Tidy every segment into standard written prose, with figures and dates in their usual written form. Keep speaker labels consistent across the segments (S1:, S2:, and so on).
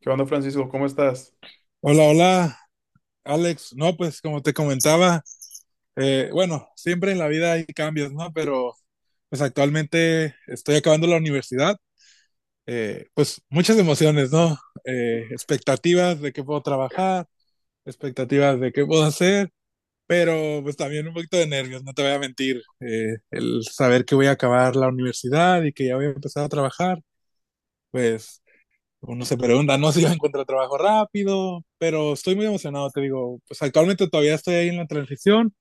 S1: ¿Qué onda, Francisco? ¿Cómo estás?
S2: Hola, hola, Alex. No, pues como te comentaba, bueno, siempre en la vida hay cambios, ¿no? Pero pues actualmente estoy acabando la universidad. Pues muchas emociones, ¿no? Expectativas de qué puedo trabajar, expectativas de qué puedo hacer, pero pues también un poquito de nervios, no te voy a mentir. El saber que voy a acabar la universidad y que ya voy a empezar a trabajar, pues uno se pregunta, no sé si yo encuentro trabajo rápido, pero estoy muy emocionado, te digo, pues actualmente todavía estoy ahí en la transición,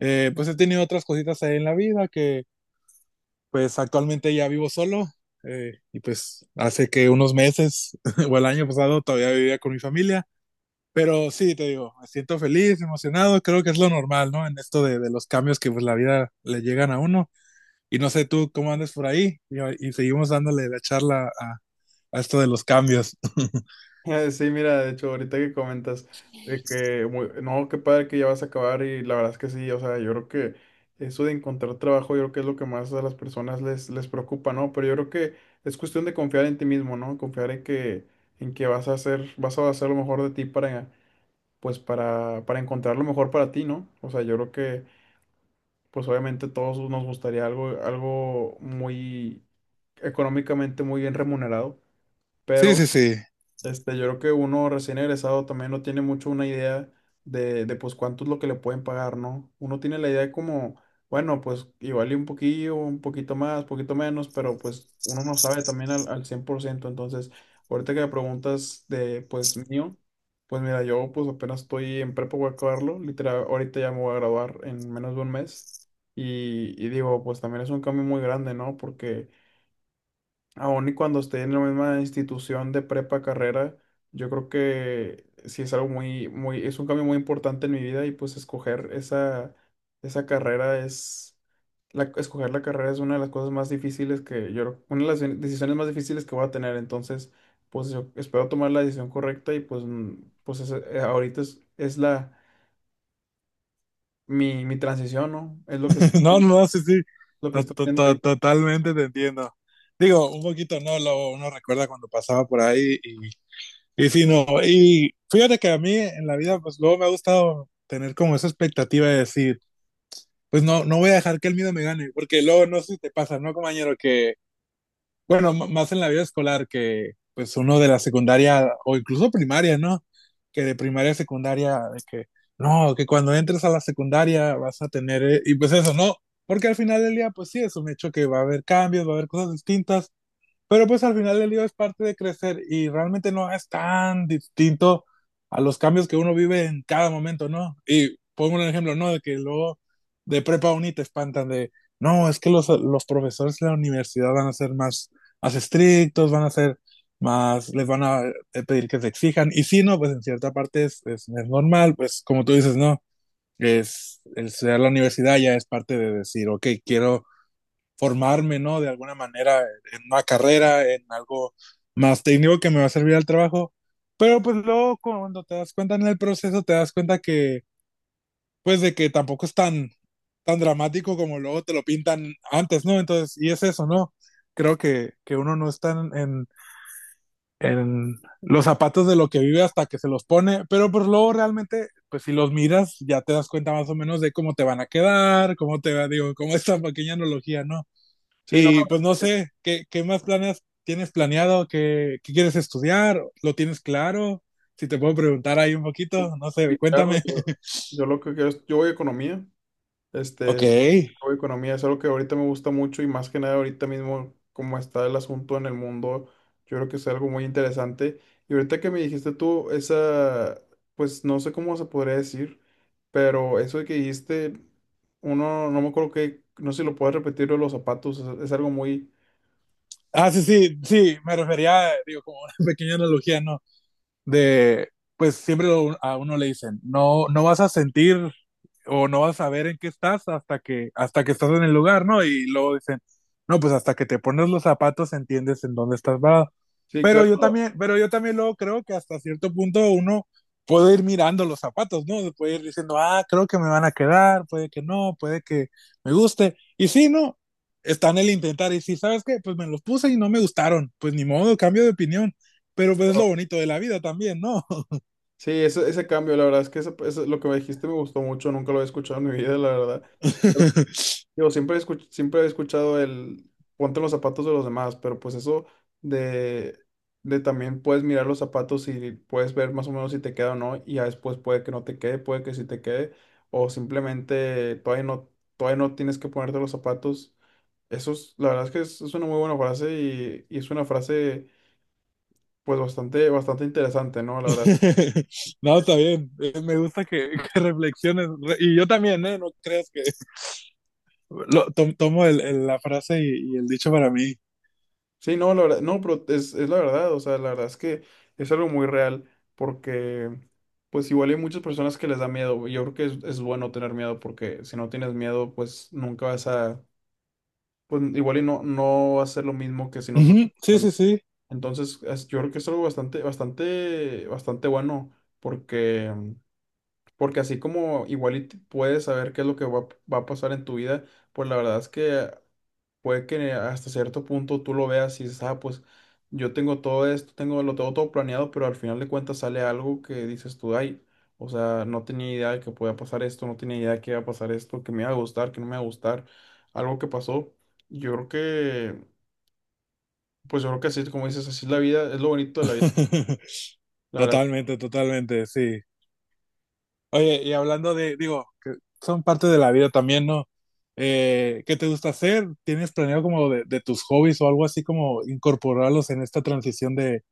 S2: pues he tenido otras cositas ahí en la vida que pues actualmente ya vivo solo, y pues hace que unos meses o el año pasado todavía vivía con mi familia, pero sí, te digo, me siento feliz, emocionado, creo que es lo normal, ¿no? En esto de los cambios que pues la vida le llegan a uno, y no sé tú cómo andes por ahí, y seguimos dándole la charla a esto de los cambios.
S1: Sí, mira, de hecho, ahorita que comentas no, qué padre que ya vas a acabar y la verdad es que sí, o sea, yo creo que eso de encontrar trabajo, yo creo que es lo que más a las personas les preocupa, ¿no? Pero yo creo que es cuestión de confiar en ti mismo, ¿no? Confiar en que vas a hacer lo mejor de ti para encontrar lo mejor para ti, ¿no? O sea, yo creo que, pues, obviamente todos nos gustaría algo muy económicamente muy bien remunerado,
S2: Sí,
S1: pero
S2: sí, sí.
S1: este, yo creo que uno recién egresado también no tiene mucho una idea de pues cuánto es lo que le pueden pagar, ¿no? Uno tiene la idea de como, bueno, pues igual y un poquillo, un poquito más, poquito menos, pero pues uno no sabe también al cien por ciento. Entonces, ahorita que me preguntas de pues mío, pues mira, yo pues apenas estoy en prepa, voy a acabarlo, literal, ahorita ya me voy a graduar en menos de un mes. Y digo, pues también es un cambio muy grande, ¿no? Porque aún y cuando esté en la misma institución de prepa, carrera, yo creo que sí es algo es un cambio muy importante en mi vida y pues escoger esa carrera es, escoger la carrera es una de las cosas más difíciles que yo, una de decisiones más difíciles que voy a tener. Entonces, pues yo espero tomar la decisión correcta y ahorita es mi transición, ¿no? Es lo que
S2: No, no, sí, sí.
S1: lo que estoy viendo ahorita.
S2: Totalmente te entiendo. Digo, un poquito no, lo, uno recuerda cuando pasaba por ahí y sí, no. Y fíjate que a mí en la vida, pues luego me ha gustado tener como esa expectativa de decir, pues no, no voy a dejar que el miedo me gane, porque luego no sé si te pasa, ¿no, compañero? Que bueno, más en la vida escolar que pues uno de la secundaria o incluso primaria, ¿no? Que de primaria a secundaria, de que no, que cuando entres a la secundaria vas a tener, y pues eso, no, porque al final del día, pues sí, es un hecho que va a haber cambios, va a haber cosas distintas, pero pues al final el lío es parte de crecer y realmente no es tan distinto a los cambios que uno vive en cada momento, ¿no? Y pongo un ejemplo, ¿no? De que luego de prepa uni te espantan de, no, es que los profesores de la universidad van a ser más, más estrictos, van a ser más, les van a pedir que se exijan. Y si no, pues en cierta parte es normal, pues como tú dices, no, es el estudiar la universidad ya es parte de decir, ok, quiero formarme, ¿no? De alguna manera en una carrera, en algo más técnico que me va a servir al trabajo. Pero pues luego cuando te das cuenta en el proceso, te das cuenta que, pues de que tampoco es tan, tan dramático como luego te lo pintan antes, ¿no? Entonces, y es eso, ¿no? Creo que uno no está en los zapatos de lo que vive hasta que se los pone, pero pues luego realmente, pues si los miras, ya te das cuenta más o menos de cómo te van a quedar, cómo te va, digo, como esta pequeña analogía, ¿no?
S1: Sí, no,
S2: Y pues no sé, ¿qué, qué más planes tienes planeado? ¿Qué, qué quieres estudiar? ¿Lo tienes claro? Si te puedo preguntar ahí un poquito, no sé,
S1: sí, claro,
S2: cuéntame.
S1: yo lo que quiero es, yo voy a economía, este,
S2: Ok.
S1: hago economía es algo que ahorita me gusta mucho y más que nada ahorita mismo como está el asunto en el mundo, yo creo que es algo muy interesante. Y ahorita que me dijiste tú, esa, pues no sé cómo se podría decir, pero eso de que dijiste, uno, no me acuerdo que, no sé si lo puedes repetir lo de los zapatos, es algo muy...
S2: Ah, sí, sí, sí, me refería, digo, como una pequeña analogía, ¿no? De, pues siempre a uno le dicen, no, no vas a sentir o no vas a ver en qué estás hasta que estás en el lugar, ¿no? Y luego dicen, no, pues hasta que te pones los zapatos entiendes en dónde estás parado.
S1: Sí, claro.
S2: Pero yo también luego creo que hasta cierto punto uno puede ir mirando los zapatos, ¿no? Puede ir diciendo, ah, creo que me van a quedar, puede que no, puede que me guste. Y si no, está en el intentar. Y si sabes qué, pues me los puse y no me gustaron, pues ni modo, cambio de opinión. Pero pues es lo
S1: Claro.
S2: bonito de la vida también, ¿no?
S1: Sí, ese cambio, la verdad es que lo que me dijiste me gustó mucho, nunca lo había escuchado en mi vida, la verdad. Yo siempre, siempre he escuchado el ponte los zapatos de los demás, pero pues eso de, de también puedes mirar los zapatos y puedes ver más o menos si te queda o no, y ya después puede que no te quede, puede que sí te quede, o simplemente todavía no tienes que ponerte los zapatos. Eso es, la verdad es que es una muy buena frase y es una frase pues bastante interesante, ¿no? La verdad.
S2: No, está bien. Me gusta que, que reflexiones. Y yo también, ¿eh? No creas que tomo la frase y el dicho para mí.
S1: Sí, no, la verdad, no, pero es la verdad, o sea, la verdad es que es algo muy real, porque pues igual hay muchas personas que les da miedo, yo creo que es bueno tener miedo, porque si no tienes miedo, pues nunca vas a, pues igual y no, no va a ser lo mismo que si no tuvieras
S2: Ujú, sí,
S1: miedo.
S2: sí, sí.
S1: Entonces, yo creo que es algo bastante bueno, porque, porque así como igual y puedes saber qué es lo que va a pasar en tu vida, pues la verdad es que puede que hasta cierto punto tú lo veas y dices, ah, pues yo tengo todo esto, tengo, lo tengo todo planeado, pero al final de cuentas sale algo que dices tú, ay, o sea, no tenía idea de que podía pasar esto, no tenía idea de que iba a pasar esto, que me iba a gustar, que no me iba a gustar, algo que pasó. Yo creo que, pues yo creo que así, como dices, así es la vida, es lo bonito de la vida, la verdad.
S2: Totalmente, totalmente, sí. Oye, y hablando de, digo, que son parte de la vida también, ¿no? ¿Qué te gusta hacer? ¿Tienes planeado como de tus hobbies o algo así como incorporarlos en esta transición de,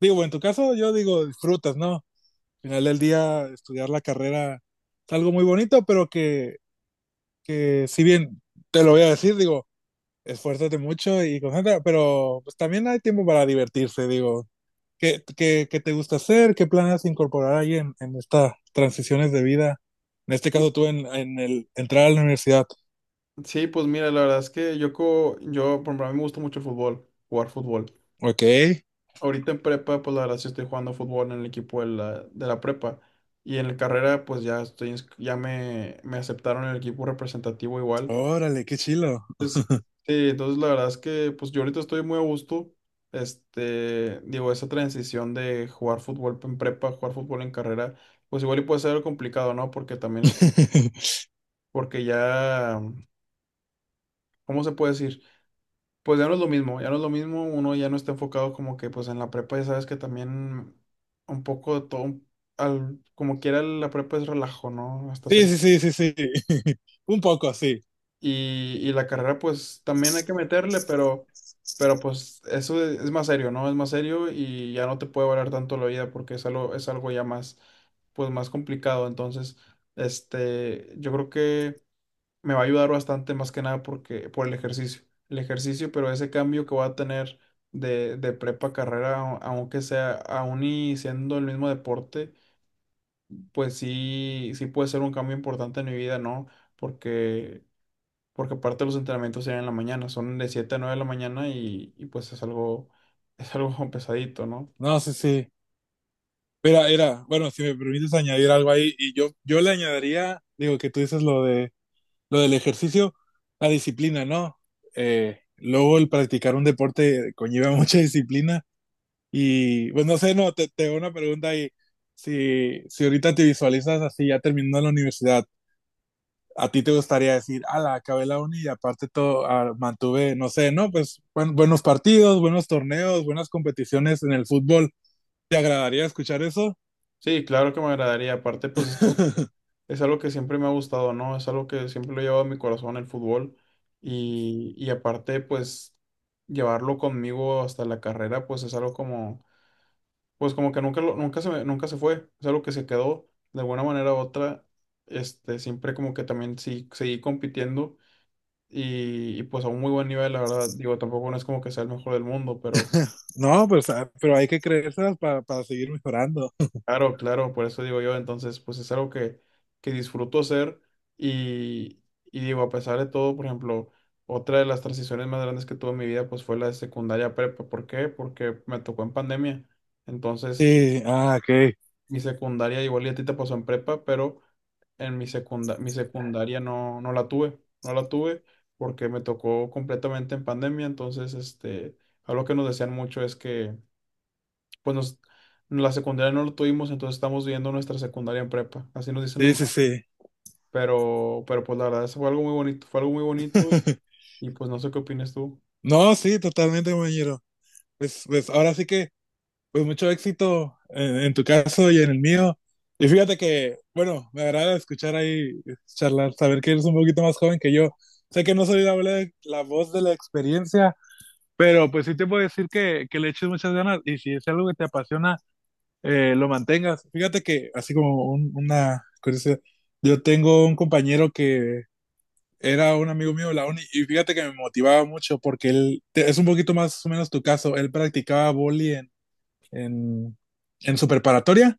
S2: digo, en tu caso yo digo, disfrutas, ¿no? Al final del día, estudiar la carrera es algo muy bonito, pero que si bien te lo voy a decir, digo, esfuérzate mucho y concentra, pero pues también hay tiempo para divertirse, digo. ¿Qué, qué, qué te gusta hacer? ¿Qué planes incorporar ahí en estas transiciones de vida? En este
S1: Sí,
S2: caso tú en el entrar a la universidad.
S1: sí, pues mira, la verdad es que yo, por ejemplo, a mí me gusta mucho el fútbol, jugar fútbol.
S2: Ok,
S1: Ahorita en prepa, pues la verdad sí estoy jugando fútbol en el equipo de la prepa. Y en la carrera, pues ya estoy, ins- ya me aceptaron en el equipo representativo igual.
S2: órale, qué chilo.
S1: Entonces, sí, entonces la verdad es que pues yo ahorita estoy muy a gusto. Este, digo, esa transición de jugar fútbol en prepa, jugar fútbol en carrera, pues igual y puede ser algo complicado, ¿no? Porque también porque ya, ¿cómo se puede decir? Pues ya no es lo mismo, ya no es lo mismo, uno ya no está enfocado como que pues en la prepa, ya sabes que también un poco de todo, al, como quiera la prepa es relajo, ¿no? Hasta
S2: Sí,
S1: cierto.
S2: sí, sí, sí, sí. Un poco, sí.
S1: Y la carrera pues también hay que meterle, pero pues eso es más serio, ¿no? Es más serio y ya no te puede valer tanto la vida porque es algo ya más, pues más complicado. Entonces, este, yo creo que me va a ayudar bastante más que nada porque, por el ejercicio. El ejercicio, pero ese cambio que voy a tener de prepa a carrera, aunque sea aún y siendo el mismo deporte, pues sí, sí puede ser un cambio importante en mi vida, ¿no? Porque, porque aparte los entrenamientos serían en la mañana, son de 7 a 9 de la mañana y pues es algo pesadito, ¿no?
S2: No, sí, sí. Mira, era, bueno, si me permites añadir algo ahí, y yo le añadiría, digo, que tú dices lo del ejercicio, la disciplina, ¿no? Luego el practicar un deporte conlleva mucha disciplina y, pues no sé, no, te hago una pregunta ahí. Si ahorita te visualizas así, ya terminando la universidad, ¿a ti te gustaría decir, ala, acabé la uni y aparte todo, ah, mantuve, no sé, no, pues buenos partidos, buenos torneos, buenas competiciones en el fútbol? ¿Te agradaría escuchar eso?
S1: Sí, claro que me agradaría. Aparte, pues es algo que siempre me ha gustado, ¿no? Es algo que siempre lo he llevado en mi corazón, el fútbol. Y aparte, pues, llevarlo conmigo hasta la carrera, pues es algo como, pues como que nunca, lo- nunca se, me- nunca se fue. Es algo que se quedó de alguna manera u otra. Este, siempre como que también sí, seguí compitiendo y pues a un muy buen nivel, la verdad. Digo, tampoco no es como que sea el mejor del mundo, pero
S2: No, pues, ah, pero hay que creérselas para seguir mejorando.
S1: claro, claro, por eso digo yo, entonces, pues es algo que disfruto hacer y, y digo, a pesar de todo, por ejemplo, otra de las transiciones más grandes que tuve en mi vida, pues fue la de secundaria a prepa. ¿Por qué? Porque me tocó en pandemia. Entonces,
S2: Sí, ah, ok.
S1: mi secundaria, igual y a ti te pasó en prepa, pero en mi secunda, mi secundaria no, no la tuve, no la tuve porque me tocó completamente en pandemia, entonces, este, algo que nos decían mucho es que pues nos, la secundaria no lo tuvimos, entonces estamos viendo nuestra secundaria en prepa, así nos dicen los
S2: Sí, sí,
S1: maestros.
S2: sí.
S1: Pero pues la verdad, eso fue algo muy bonito, fue algo muy bonito y pues no sé qué opinas tú.
S2: No, sí, totalmente, compañero. Pues, pues ahora sí que, pues mucho éxito en tu caso y en el mío. Y fíjate que, bueno, me agrada escuchar ahí charlar, saber que eres un poquito más joven que yo. Sé que no soy la, la voz de la experiencia, pero pues sí te puedo decir que le eches muchas ganas y si es algo que te apasiona, lo mantengas. Fíjate que, así como una curiosidad, yo tengo un compañero que era un amigo mío de la uni y fíjate que me motivaba mucho porque él, es un poquito más o menos tu caso, él practicaba boli en, en su preparatoria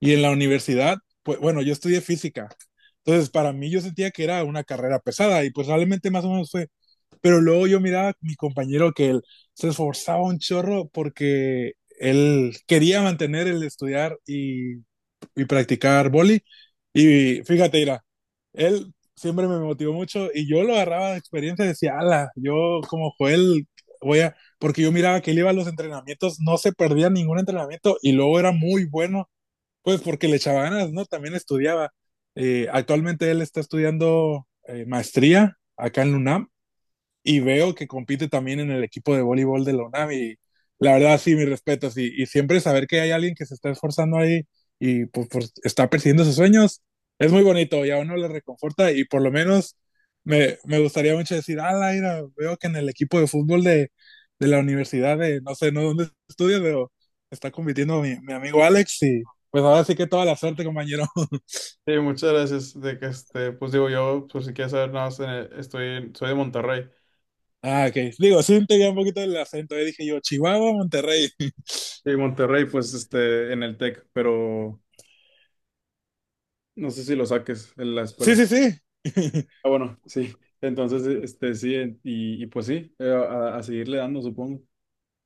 S2: y en la universidad, pues bueno, yo estudié física, entonces para mí yo sentía que era una carrera pesada y pues realmente más o menos fue, pero luego yo miraba a mi compañero que él se esforzaba un chorro porque él quería mantener el estudiar y practicar boli. Y fíjate, mira, él siempre me motivó mucho y yo lo agarraba de experiencia y decía, ala, yo como Joel voy a, porque yo miraba que él iba a los entrenamientos, no se perdía ningún entrenamiento y luego era muy bueno, pues porque le echaba ganas, ¿no? También estudiaba. Actualmente él está estudiando maestría acá en la UNAM y veo que compite también en el equipo de voleibol de la UNAM y la verdad sí, mis respetos y siempre saber que hay alguien que se está esforzando ahí y pues, pues, está persiguiendo sus sueños es muy bonito y a uno le reconforta y por lo menos me gustaría mucho decir, ah, Laira, veo que en el equipo de fútbol de la universidad de no sé, no dónde estudias, pero está compitiendo mi amigo Alex y pues ahora sí que toda la suerte, compañero.
S1: Sí, muchas gracias, de que este, pues digo yo, por si quieres saber nada más, en el- estoy, en- soy de Monterrey.
S2: Ah, ok. Digo, sí, te veía un poquito el acento. Yo dije yo, Chihuahua, Monterrey.
S1: Sí, Monterrey, pues este, en el TEC, pero no sé si lo saques en la escuela.
S2: Sí, sí, sí.
S1: Ah, bueno, sí. Entonces, este, sí, y pues sí, a seguirle dando, supongo.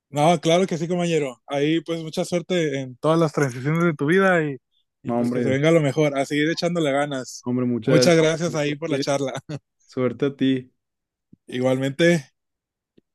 S2: No, claro que sí, compañero. Ahí pues mucha suerte en todas las transiciones de tu vida y
S1: No,
S2: pues que se
S1: hombre,
S2: venga lo mejor, a seguir echándole ganas.
S1: hombre, muchas
S2: Muchas gracias
S1: gracias.
S2: ahí por la charla.
S1: Suerte a ti.
S2: Igualmente.